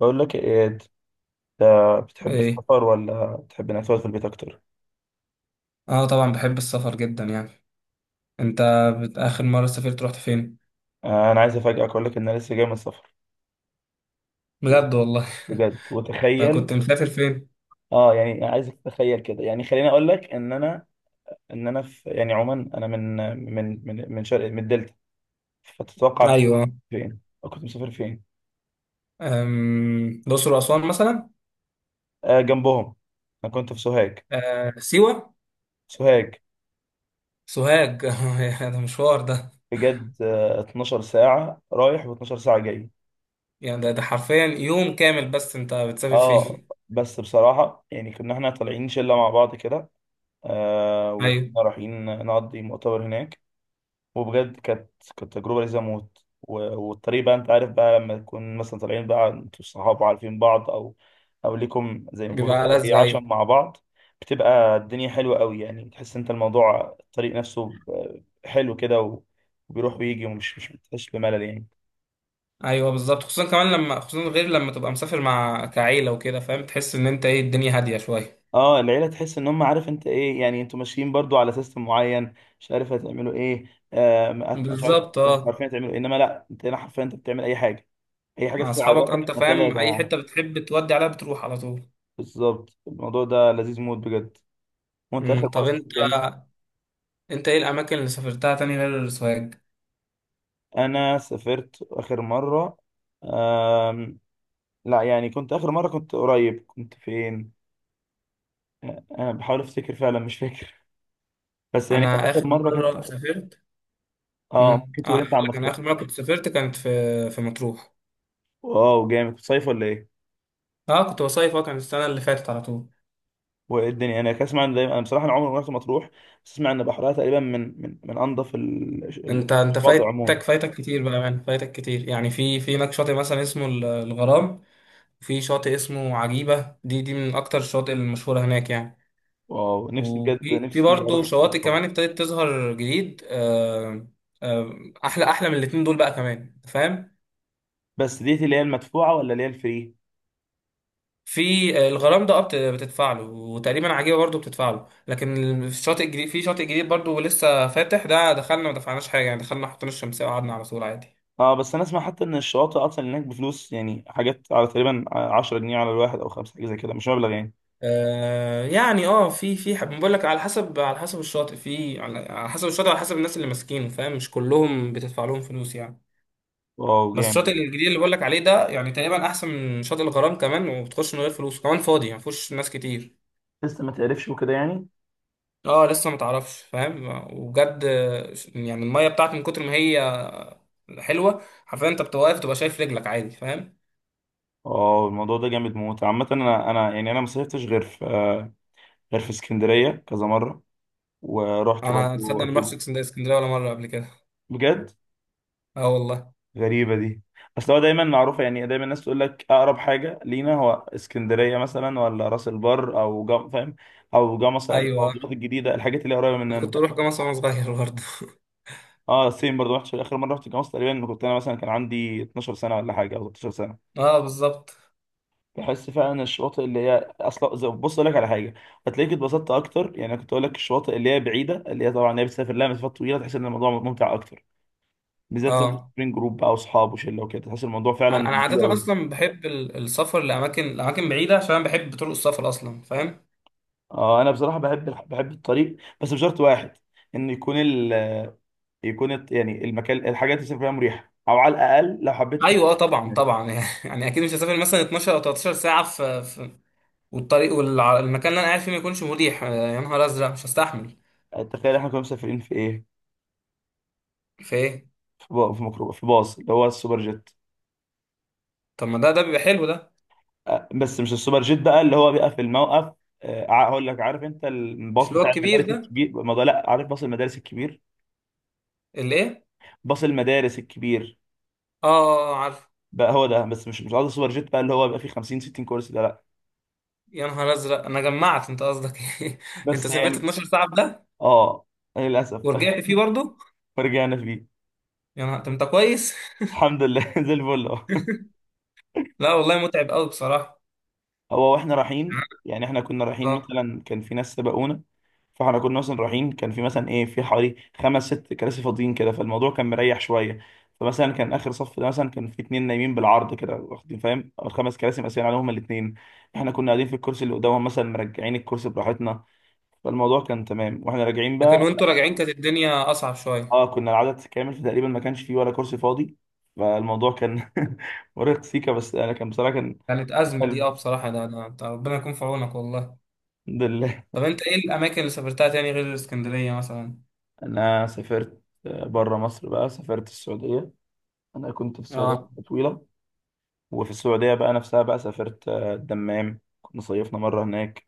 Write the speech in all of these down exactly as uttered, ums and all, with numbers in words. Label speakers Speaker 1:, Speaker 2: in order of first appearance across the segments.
Speaker 1: بقول لك ايه انت، بتحب
Speaker 2: ايه.
Speaker 1: السفر ولا بتحب انك تقعد في البيت اكتر؟
Speaker 2: اه، طبعا بحب السفر جدا، يعني. انت، بت- اخر مرة سافرت رحت فين؟
Speaker 1: آه، انا عايز افاجئك اقول لك ان انا لسه جاي من السفر.
Speaker 2: بجد والله؟
Speaker 1: بجد
Speaker 2: أنت
Speaker 1: وتخيل.
Speaker 2: كنت مسافر فين؟
Speaker 1: اه يعني عايزك تتخيل كده، يعني خليني اقول لك ان انا ان انا في، يعني عموما انا من من من من شرق، من الدلتا. فتتوقع كنت
Speaker 2: ايوه،
Speaker 1: فين أو كنت مسافر فين؟
Speaker 2: أم... الاقصر واسوان مثلا.
Speaker 1: آه جنبهم، انا كنت في سوهاج.
Speaker 2: أه... سيوة.
Speaker 1: سوهاج،
Speaker 2: سوهاج. ده مشوار ده.
Speaker 1: بجد. آه 12 ساعة رايح و12 ساعة جاي.
Speaker 2: يعني ده, ده حرفيا يوم كامل بس انت بتسافر
Speaker 1: اه،
Speaker 2: فيه.
Speaker 1: بس بصراحة يعني كنا احنا طالعين شلة مع بعض كده. آه،
Speaker 2: ايوه.
Speaker 1: وكنا رايحين نقضي مؤتمر هناك. وبجد كانت كانت تجربة لذيذة موت. و- والطريق بقى انت عارف بقى لما تكون مثلا طالعين بقى انتوا الصحاب عارفين بعض، او او ليكم زي ما بيقولوا
Speaker 2: بيبقى
Speaker 1: كده
Speaker 2: ألذ،
Speaker 1: ايه، عشم
Speaker 2: ايوه.
Speaker 1: مع بعض. بتبقى الدنيا حلوة قوي، يعني تحس انت الموضوع الطريق نفسه آه، حلو كده. و- وبيروح ويجي ومش مش بتحس بملل يعني.
Speaker 2: ايوه بالظبط، خصوصا كمان لما، خصوصا غير لما تبقى مسافر مع كعيلة وكده فاهم، تحس ان انت ايه الدنيا هادية شوية.
Speaker 1: اه العيله تحس ان هم، عارف انت ايه، يعني انتوا ماشيين برضو على سيستم معين. مش عارف هتعملوا ايه. آه. مش عارف.
Speaker 2: بالظبط،
Speaker 1: انتوا
Speaker 2: اه.
Speaker 1: عارفين هتعملوا ايه، انما لا، انت هنا حرفيا انت بتعمل اي حاجه، اي حاجه
Speaker 2: مع
Speaker 1: تدخل على
Speaker 2: اصحابك انت
Speaker 1: بالك، ما يلا يا
Speaker 2: فاهم، اي
Speaker 1: جماعه.
Speaker 2: حته بتحب تودي عليها بتروح على طول.
Speaker 1: بالظبط الموضوع ده لذيذ موت بجد. وانت اخر
Speaker 2: مم.
Speaker 1: مره
Speaker 2: طب انت
Speaker 1: سافرت امتى؟
Speaker 2: انت ايه الاماكن اللي سافرتها تاني غير السوهاج؟
Speaker 1: انا سافرت اخر مره. آم لا، يعني كنت اخر مره كنت قريب، كنت فين؟ انا بحاول افتكر فعلا، مش فاكر. بس يعني كان
Speaker 2: انا اخر
Speaker 1: اخر مره كنت.
Speaker 2: مره سافرت.
Speaker 1: اه
Speaker 2: امم
Speaker 1: ممكن
Speaker 2: اه،
Speaker 1: تقول،
Speaker 2: اقول
Speaker 1: انت عم
Speaker 2: لك، انا
Speaker 1: افتكر.
Speaker 2: اخر مره كنت سافرت كانت في في مطروح.
Speaker 1: واو جامد، كنت صيف ولا ايه؟
Speaker 2: اه كنت بصيف، اه كانت السنه اللي فاتت على طول.
Speaker 1: والدنيا هناك، اسمع ان دايما، انا بصراحه انا عمري ما رحت مطروح. بس اسمع ان بحرها تقريبا من من من انظف ال- ال-
Speaker 2: انت انت
Speaker 1: الشواطئ عموما.
Speaker 2: فايتك فايتك كتير بقى، يعني فايتك كتير، يعني في في هناك شاطئ مثلا اسمه ال- الغرام. في شاطئ اسمه عجيبه، دي دي من اكتر الشواطئ المشهوره هناك يعني.
Speaker 1: واو نفسي بجد،
Speaker 2: وفي في
Speaker 1: نفسي
Speaker 2: برضه
Speaker 1: اروح
Speaker 2: شواطئ
Speaker 1: مطروح.
Speaker 2: كمان ابتدت تظهر جديد، آه آه احلى احلى من الاتنين دول بقى كمان، فاهم.
Speaker 1: بس ديت اللي هي المدفوعه ولا اللي هي الفري؟
Speaker 2: في آه، الغرام ده أبت بتدفع له وتقريبا عجيبه برضو بتدفع له. لكن ال- في الشاطئ الجديد، في شاطئ جديد برضو لسه فاتح، ده دخلنا ما دفعناش حاجه، يعني دخلنا حطينا الشمسيه وقعدنا على طول عادي.
Speaker 1: اه، بس انا اسمع حتى ان الشواطئ اصلا هناك بفلوس، يعني حاجات على تقريبا عشرة جنيه على الواحد او خمسه، حاجه زي كده، مش مبلغ يعني.
Speaker 2: آه يعني، اه، في في حب بقول لك، على حسب على حسب الشاطئ، في على على حسب الشاطئ، على حسب الناس اللي ماسكينه، فاهم، مش كلهم بتدفع لهم فلوس يعني.
Speaker 1: واو
Speaker 2: بس
Speaker 1: جامد.
Speaker 2: الشاطئ الجديد اللي بقول لك عليه ده، يعني تقريبا احسن من شاطئ الغرام كمان، وبتخش من غير فلوس كمان، فاضي يعني مفيهوش ناس كتير.
Speaker 1: لسه ما تعرفش وكده يعني.
Speaker 2: اه، لسه ما تعرفش فاهم. وبجد. يعني الميه بتاعت من كتر ما هي حلوه، حرفيا انت بتبقى واقف تبقى شايف رجلك عادي، فاهم.
Speaker 1: اه الموضوع ده جامد موت. عامه انا انا يعني انا ما صيفتش غير في آه، غير في اسكندريه كذا مره. ورحت برضه.
Speaker 2: انا تصدق، انا ما
Speaker 1: اكيد.
Speaker 2: رحتش اسكندريه اسكندرية ولا مره قبل كده.
Speaker 1: بجد.
Speaker 2: اه والله.
Speaker 1: غريبة دي. اصل هو دايما معروفة، يعني دايما الناس تقول لك اقرب حاجة لينا هو اسكندرية مثلا، ولا راس البر، او جم... فاهم، او جمصة،
Speaker 2: ايوه،
Speaker 1: الموضوعات الجديدة، الحاجات اللي هي قريبة مننا.
Speaker 2: كنت اروح جامعه وانا صغير برضه.
Speaker 1: اه سيم برضه، رحت اخر مرة، رحت جمصة تقريبا لما كنت انا مثلا كان عندي 12 سنة ولا حاجة، او 13 سنة.
Speaker 2: اه، بالظبط.
Speaker 1: بحس فعلا الشواطئ اللي هي اصلا زي- بص اقول لك على حاجة. هتلاقيك اتبسطت اكتر، يعني أنا كنت اقول لك الشواطئ اللي هي بعيدة، اللي هي طبعا هي بتسافر لها مسافات طويلة، تحس ان الموضوع ممتع اكتر. بالذات لو
Speaker 2: اه،
Speaker 1: سافرين جروب بقى واصحاب وشله وكده، تحس الموضوع
Speaker 2: انا أنا
Speaker 1: فعلا حلو
Speaker 2: عاده
Speaker 1: قوي.
Speaker 2: اصلا بحب ال- السفر لاماكن لاماكن بعيده، عشان أنا بحب طرق السفر اصلا، فاهم.
Speaker 1: اه انا بصراحه بحب الح- بحب الطريق، بس بشرط واحد، ان يكون ال... يكون الت- يعني المكان الحاجات اللي سافر فيها مريحه، او على الاقل لو حبيت أت-
Speaker 2: ايوه اه، طبعا
Speaker 1: يعني.
Speaker 2: طبعا. يعني اكيد مش هسافر مثلا اتناشر او تلتاشر ساعه في, في والطريق والمكان اللي انا قاعد فيه ما يكونش مريح، آه، يا نهار ازرق مش هستحمل.
Speaker 1: تخيل احنا كنا مسافرين في ايه،
Speaker 2: في ايه؟
Speaker 1: في با- في ميكرو في باص اللي هو السوبر جيت.
Speaker 2: طب ما ده ده بيبقى حلو ده.
Speaker 1: آه، بس مش السوبر جيت بقى اللي هو بيبقى في الموقف. آه، ع- هقول لك، عارف انت الباص
Speaker 2: مش اللي هو
Speaker 1: بتاع
Speaker 2: الكبير
Speaker 1: المدارس
Speaker 2: ده؟
Speaker 1: الكبير، ما ده- لا، عارف باص المدارس الكبير.
Speaker 2: اللي ايه؟
Speaker 1: باص المدارس الكبير
Speaker 2: اه، آه، آه، عارف.
Speaker 1: بقى، هو ده، بس مش مش قصدي السوبر جيت بقى اللي هو بيبقى فيه خمسين ستين كرسي ده، لا.
Speaker 2: يا نهار ازرق، انا جمعت انت قصدك ايه! انت
Speaker 1: بس
Speaker 2: سافرت
Speaker 1: يعني.
Speaker 2: اثنا عشر ساعه في ده؟
Speaker 1: اه للاسف
Speaker 2: ورجعت فيه برضه؟
Speaker 1: فرجعنا فيه.
Speaker 2: يا نهار! طب انت كويس؟
Speaker 1: الحمد لله زي الفل أهو.
Speaker 2: لا والله، متعب قوي بصراحه.
Speaker 1: هو واحنا رايحين يعني، احنا كنا رايحين
Speaker 2: اه.
Speaker 1: مثلا، كان في ناس سبقونا. فاحنا كنا مثلا رايحين، كان في مثلا ايه، في حوالي خمس ست كراسي فاضيين كده، فالموضوع كان مريح شويه. فمثلا كان اخر صف ده مثلا كان في اتنين نايمين بالعرض كده واخدين، فاهم، او الخمس كراسي مقسمين عليهم الاتنين. احنا كنا قاعدين في الكرسي اللي قدامهم مثلا، مرجعين الكرسي براحتنا، فالموضوع كان تمام. واحنا راجعين
Speaker 2: لكن
Speaker 1: بقى،
Speaker 2: وانتوا راجعين كانت الدنيا اصعب شويه.
Speaker 1: اه كنا العدد كامل، فتقريبا ما كانش فيه ولا كرسي فاضي، فالموضوع كان مرهق سيكا. بس انا كان بصراحه كان.
Speaker 2: كانت ازمه دي، اه
Speaker 1: حلو.
Speaker 2: بصراحه. ده ده أنت ربنا يكون في عونك والله.
Speaker 1: الحمد لله.
Speaker 2: طب انت ايه الاماكن اللي سافرتها تاني غير اسكندريه مثلا؟
Speaker 1: انا سافرت آه، بره مصر بقى، سافرت السعوديه. انا كنت في السعوديه
Speaker 2: اه.
Speaker 1: فتره طويله. وفي السعوديه بقى نفسها بقى سافرت آه، الدمام، كنا صيفنا مره هناك.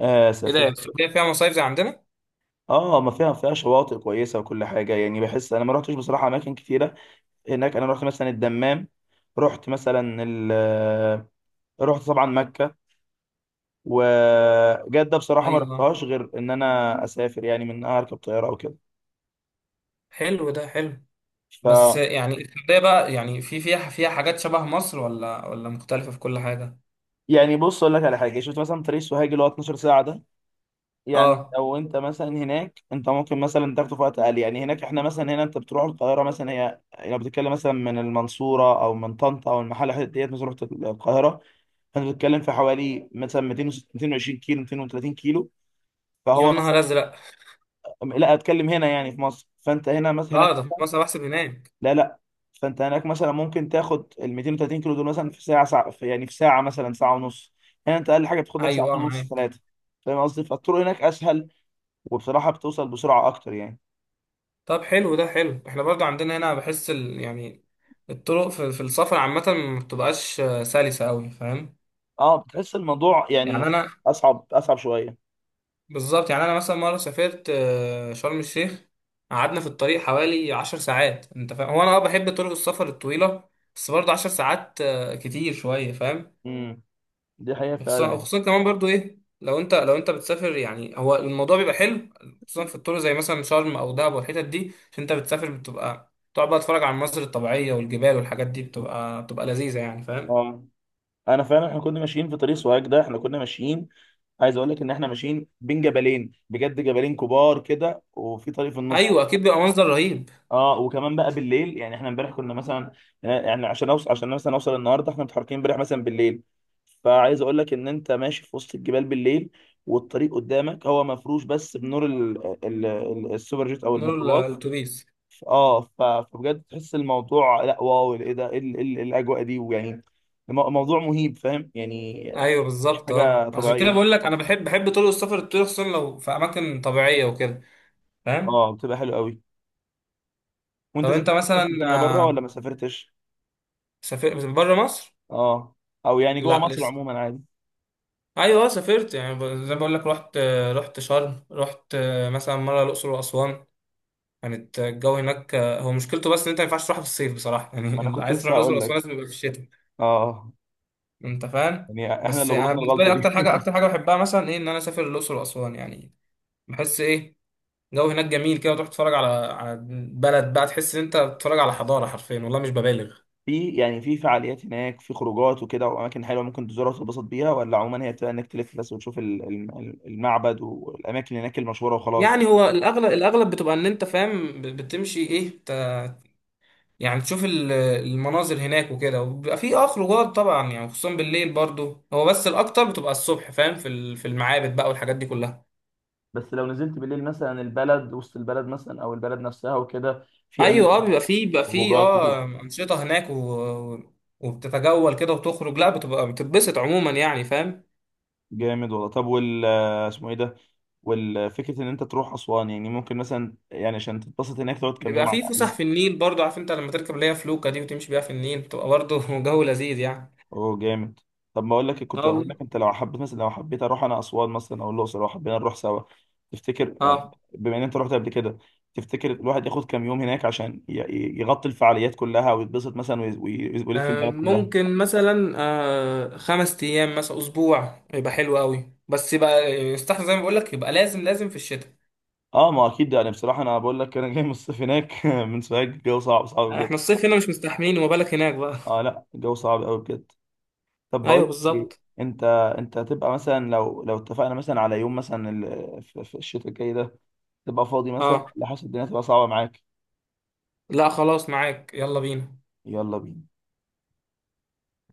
Speaker 1: آه
Speaker 2: ايه ده،
Speaker 1: سافرت.
Speaker 2: السعوديه فيها مصايف زي عندنا؟
Speaker 1: اه ما فيها، فيها شواطئ كويسه وكل حاجه، يعني بحس انا ما رحتش بصراحه اماكن كتيره هناك. انا رحت مثلا الدمام، رحت مثلا ال آه، رحت طبعا مكه. وجده بصراحه ما
Speaker 2: ايوه،
Speaker 1: رحتهاش غير ان انا اسافر، يعني من اركب طياره او كده.
Speaker 2: حلو، ده حلو.
Speaker 1: ف
Speaker 2: بس يعني السعودية بقى، يعني في فيها فيها حاجات شبه مصر، ولا ولا مختلفة في كل حاجة؟
Speaker 1: يعني بص اقول لك على حاجه، شفت مثلا طريق سوهاج اللي هو 12 ساعه ده، يعني
Speaker 2: اه.
Speaker 1: لو انت مثلا هناك انت ممكن مثلا تاخده في وقت اقل. يعني هناك احنا مثلا، هنا انت بتروح القاهره مثلا هي، لو بتتكلم مثلا من المنصوره او من طنطا او المحله، الحتت ديت مثلا رحت القاهره، فانت بتتكلم في حوالي مثلا متين متين وعشرين كيلو مائتين وثلاثين كيلو.
Speaker 2: يا
Speaker 1: فهو
Speaker 2: نهار
Speaker 1: مثلا،
Speaker 2: أزرق!
Speaker 1: لا اتكلم هنا يعني في مصر، فانت هنا مثلا،
Speaker 2: اه،
Speaker 1: هناك
Speaker 2: ده في مصر بحسب هناك؟
Speaker 1: لا لا، فانت هناك مثلا ممكن تاخد ال متين وتلاتين كيلو دول مثلا في ساعه ساعه في- يعني في ساعه مثلا ساعه ونص. هنا انت اقل حاجه بتاخد لك
Speaker 2: أيوه
Speaker 1: ساعتين
Speaker 2: اه،
Speaker 1: ونص،
Speaker 2: معاك.
Speaker 1: ثلاثه. فاهم قصدي، فالطرق هناك اسهل، وبصراحه بتوصل بسرعه اكتر يعني.
Speaker 2: طب حلو، ده حلو. احنا برضو عندنا هنا بحس ال... يعني الطرق في, في السفر عامة ما بتبقاش آه، سلسة أوي، فاهم؟
Speaker 1: اه بتحس الموضوع،
Speaker 2: يعني
Speaker 1: يعني
Speaker 2: أنا
Speaker 1: اصعب اصعب شويه.
Speaker 2: بالظبط، يعني أنا مثلا مرة سافرت آه، شرم الشيخ. قعدنا في الطريق حوالي عشر ساعات، أنت فاهم؟ هو أنا اه بحب طرق السفر الطويلة. بس برضه عشر ساعات آه، كتير شوية، فاهم؟
Speaker 1: امم دي حقيقه فعلا
Speaker 2: وخصوصا
Speaker 1: يعني.
Speaker 2: وخصوصا كمان برضو ايه، لو انت لو انت بتسافر، يعني هو الموضوع بيبقى حلو. خصوصا في الطرق زي مثلا شرم او دهب والحتت دي، عشان انت بتسافر بتبقى تقعد بقى تتفرج على المناظر الطبيعيه والجبال، والحاجات دي بتبقى بتبقى لذيذه يعني، فاهم.
Speaker 1: اه انا فعلا احنا كنا ماشيين في طريق سوهاج ده، احنا كنا ماشيين، عايز اقول لك ان احنا ماشيين بين جبلين، بجد جبلين كبار كده وفي طريق في النص.
Speaker 2: ايوه اكيد، بيبقى منظر رهيب.
Speaker 1: اه وكمان بقى بالليل، يعني احنا امبارح كنا مثلا آه، يعني عشان اوصل، عشان مثلا اوصل النهارده احنا متحركين امبارح مثلا بالليل. فعايز اقول لك ان انت ماشي في وسط الجبال بالليل، والطريق قدامك هو مفروش بس بنور ال- ال- ال- السوبر جيت او
Speaker 2: نور ال-
Speaker 1: الميكروباص.
Speaker 2: الاتوبيس.
Speaker 1: اه ف- فبجد تحس الموضوع، لا واو، ايه ده، ايه ال- إيه ال- إيه الاجواء دي ويعني المو- موضوع مهيب فاهم يعني.
Speaker 2: ايوه
Speaker 1: مش
Speaker 2: بالظبط،
Speaker 1: حاجه
Speaker 2: اه عشان كده
Speaker 1: طبيعيه.
Speaker 2: بقول لك انا بحب بحب طرق السفر، الطرق خصوصا لو في اماكن طبيعيه وكده، فاهم.
Speaker 1: اه بتبقى حلوه قوي. وانت
Speaker 2: طب انت
Speaker 1: سافرت
Speaker 2: مثلا
Speaker 1: حته ثانيه بره ولا
Speaker 2: آه،
Speaker 1: ما سافرتش؟
Speaker 2: سافرت بره مصر؟
Speaker 1: اه، او يعني جوه
Speaker 2: لا
Speaker 1: مصر
Speaker 2: لسه.
Speaker 1: عموما عادي.
Speaker 2: ايوه آه، سافرت، يعني ب- زي ما بقول لك رحت، آه، رحت شرم، رحت آه، مثلا مره الاقصر واسوان. كانت الجو هناك، آه، هو مشكلته بس ان انت ما ينفعش تروح في الصيف بصراحه
Speaker 1: ما
Speaker 2: يعني.
Speaker 1: انا
Speaker 2: اللي
Speaker 1: كنت
Speaker 2: عايز تروح
Speaker 1: لسه
Speaker 2: الاقصر
Speaker 1: هقول
Speaker 2: واسوان
Speaker 1: لك.
Speaker 2: لازم يبقى في الشتاء.
Speaker 1: اه
Speaker 2: انت فاهم.
Speaker 1: يعني احنا
Speaker 2: بس
Speaker 1: اللي
Speaker 2: انا
Speaker 1: غلطنا
Speaker 2: بالنسبه
Speaker 1: الغلطه
Speaker 2: لي اكتر
Speaker 1: دي
Speaker 2: حاجه اكتر حاجه بحبها مثلا ايه، ان انا اسافر الاقصر واسوان يعني. بحس ايه، الجو هناك جميل كده، وتروح تتفرج على على بلد بقى، تحس ان انت بتتفرج على حضاره حرفيا، والله مش ببالغ.
Speaker 1: في، يعني في فعاليات هناك، في خروجات وكده واماكن حلوه ممكن تزورها وتتبسط بيها، ولا عموما هي بتبقى انك تلف بس وتشوف ال- ال- المعبد والاماكن هناك المشهوره وخلاص.
Speaker 2: يعني هو الاغلب الاغلب بتبقى ان انت فاهم، ب- بتمشي ايه، يعني تشوف ال- المناظر هناك وكده، وبيبقى في اه خروجات طبعا يعني، خصوصا بالليل برضو، هو بس الاكتر بتبقى الصبح، فاهم، في ال- في المعابد بقى والحاجات دي كلها.
Speaker 1: بس لو نزلت بالليل مثلا البلد، وسط البلد مثلا او البلد نفسها وكده، في
Speaker 2: ايوه
Speaker 1: اماكن،
Speaker 2: اه، بيبقى في بيبقى في
Speaker 1: خروجات وكده.
Speaker 2: اه انشطه هناك و... و- وبتتجول كده وتخرج، لا بتبقى بتتبسط عموما يعني فاهم.
Speaker 1: جامد والله. طب وال آه، اسمه ايه ده؟ والفكره ان انت تروح اسوان، يعني ممكن مثلا يعني عشان تتبسط هناك تقعد كام يوم
Speaker 2: بيبقى
Speaker 1: على
Speaker 2: في
Speaker 1: الاقل؟
Speaker 2: فسح في النيل برضو، عارف، انت لما تركب اللي هي فلوكه دي وتمشي بيها في النيل بتبقى برضو جو لذيذ يعني.
Speaker 1: اوه جامد. طب ما اقول لك، كنت
Speaker 2: اه
Speaker 1: اقول لك
Speaker 2: والله.
Speaker 1: انت لو حبيت مثلا، لو حبيت اروح انا اسوان مثلا او الاقصر، لو حبينا نروح سوا، تفتكر يعني،
Speaker 2: اه،
Speaker 1: بما ان انت رحت قبل كده، تفتكر الواحد ياخد كام يوم هناك عشان ي- ي- يغطي الفعاليات كلها ويتبسط مثلا، وي- وي- ويلف
Speaker 2: آه،
Speaker 1: البلد كلها؟
Speaker 2: ممكن مثلا آه، خمس ايام، مثلا اسبوع يبقى حلو قوي، بس يبقى يستحسن زي ما بقول لك، يبقى لازم لازم في الشتاء.
Speaker 1: اه ما اكيد، يعني بصراحه انا بقول لك انا جاي من الصيف هناك من سوهاج، الجو صعب صعب بجد.
Speaker 2: احنا الصيف هنا مش مستحملين، وما بالك هناك بقى.
Speaker 1: اه لا الجو صعب قوي بجد. طب بقول
Speaker 2: ايوه
Speaker 1: لك ايه،
Speaker 2: بالظبط.
Speaker 1: انت انت هتبقى مثلا، لو لو اتفقنا مثلا على يوم مثلا، ال- في في الشتاء الجاي ده، تبقى فاضي مثلا
Speaker 2: اه،
Speaker 1: ولا حاسس الدنيا تبقى صعبه معاك؟
Speaker 2: لا خلاص معاك، يلا بينا.
Speaker 1: يلا بينا.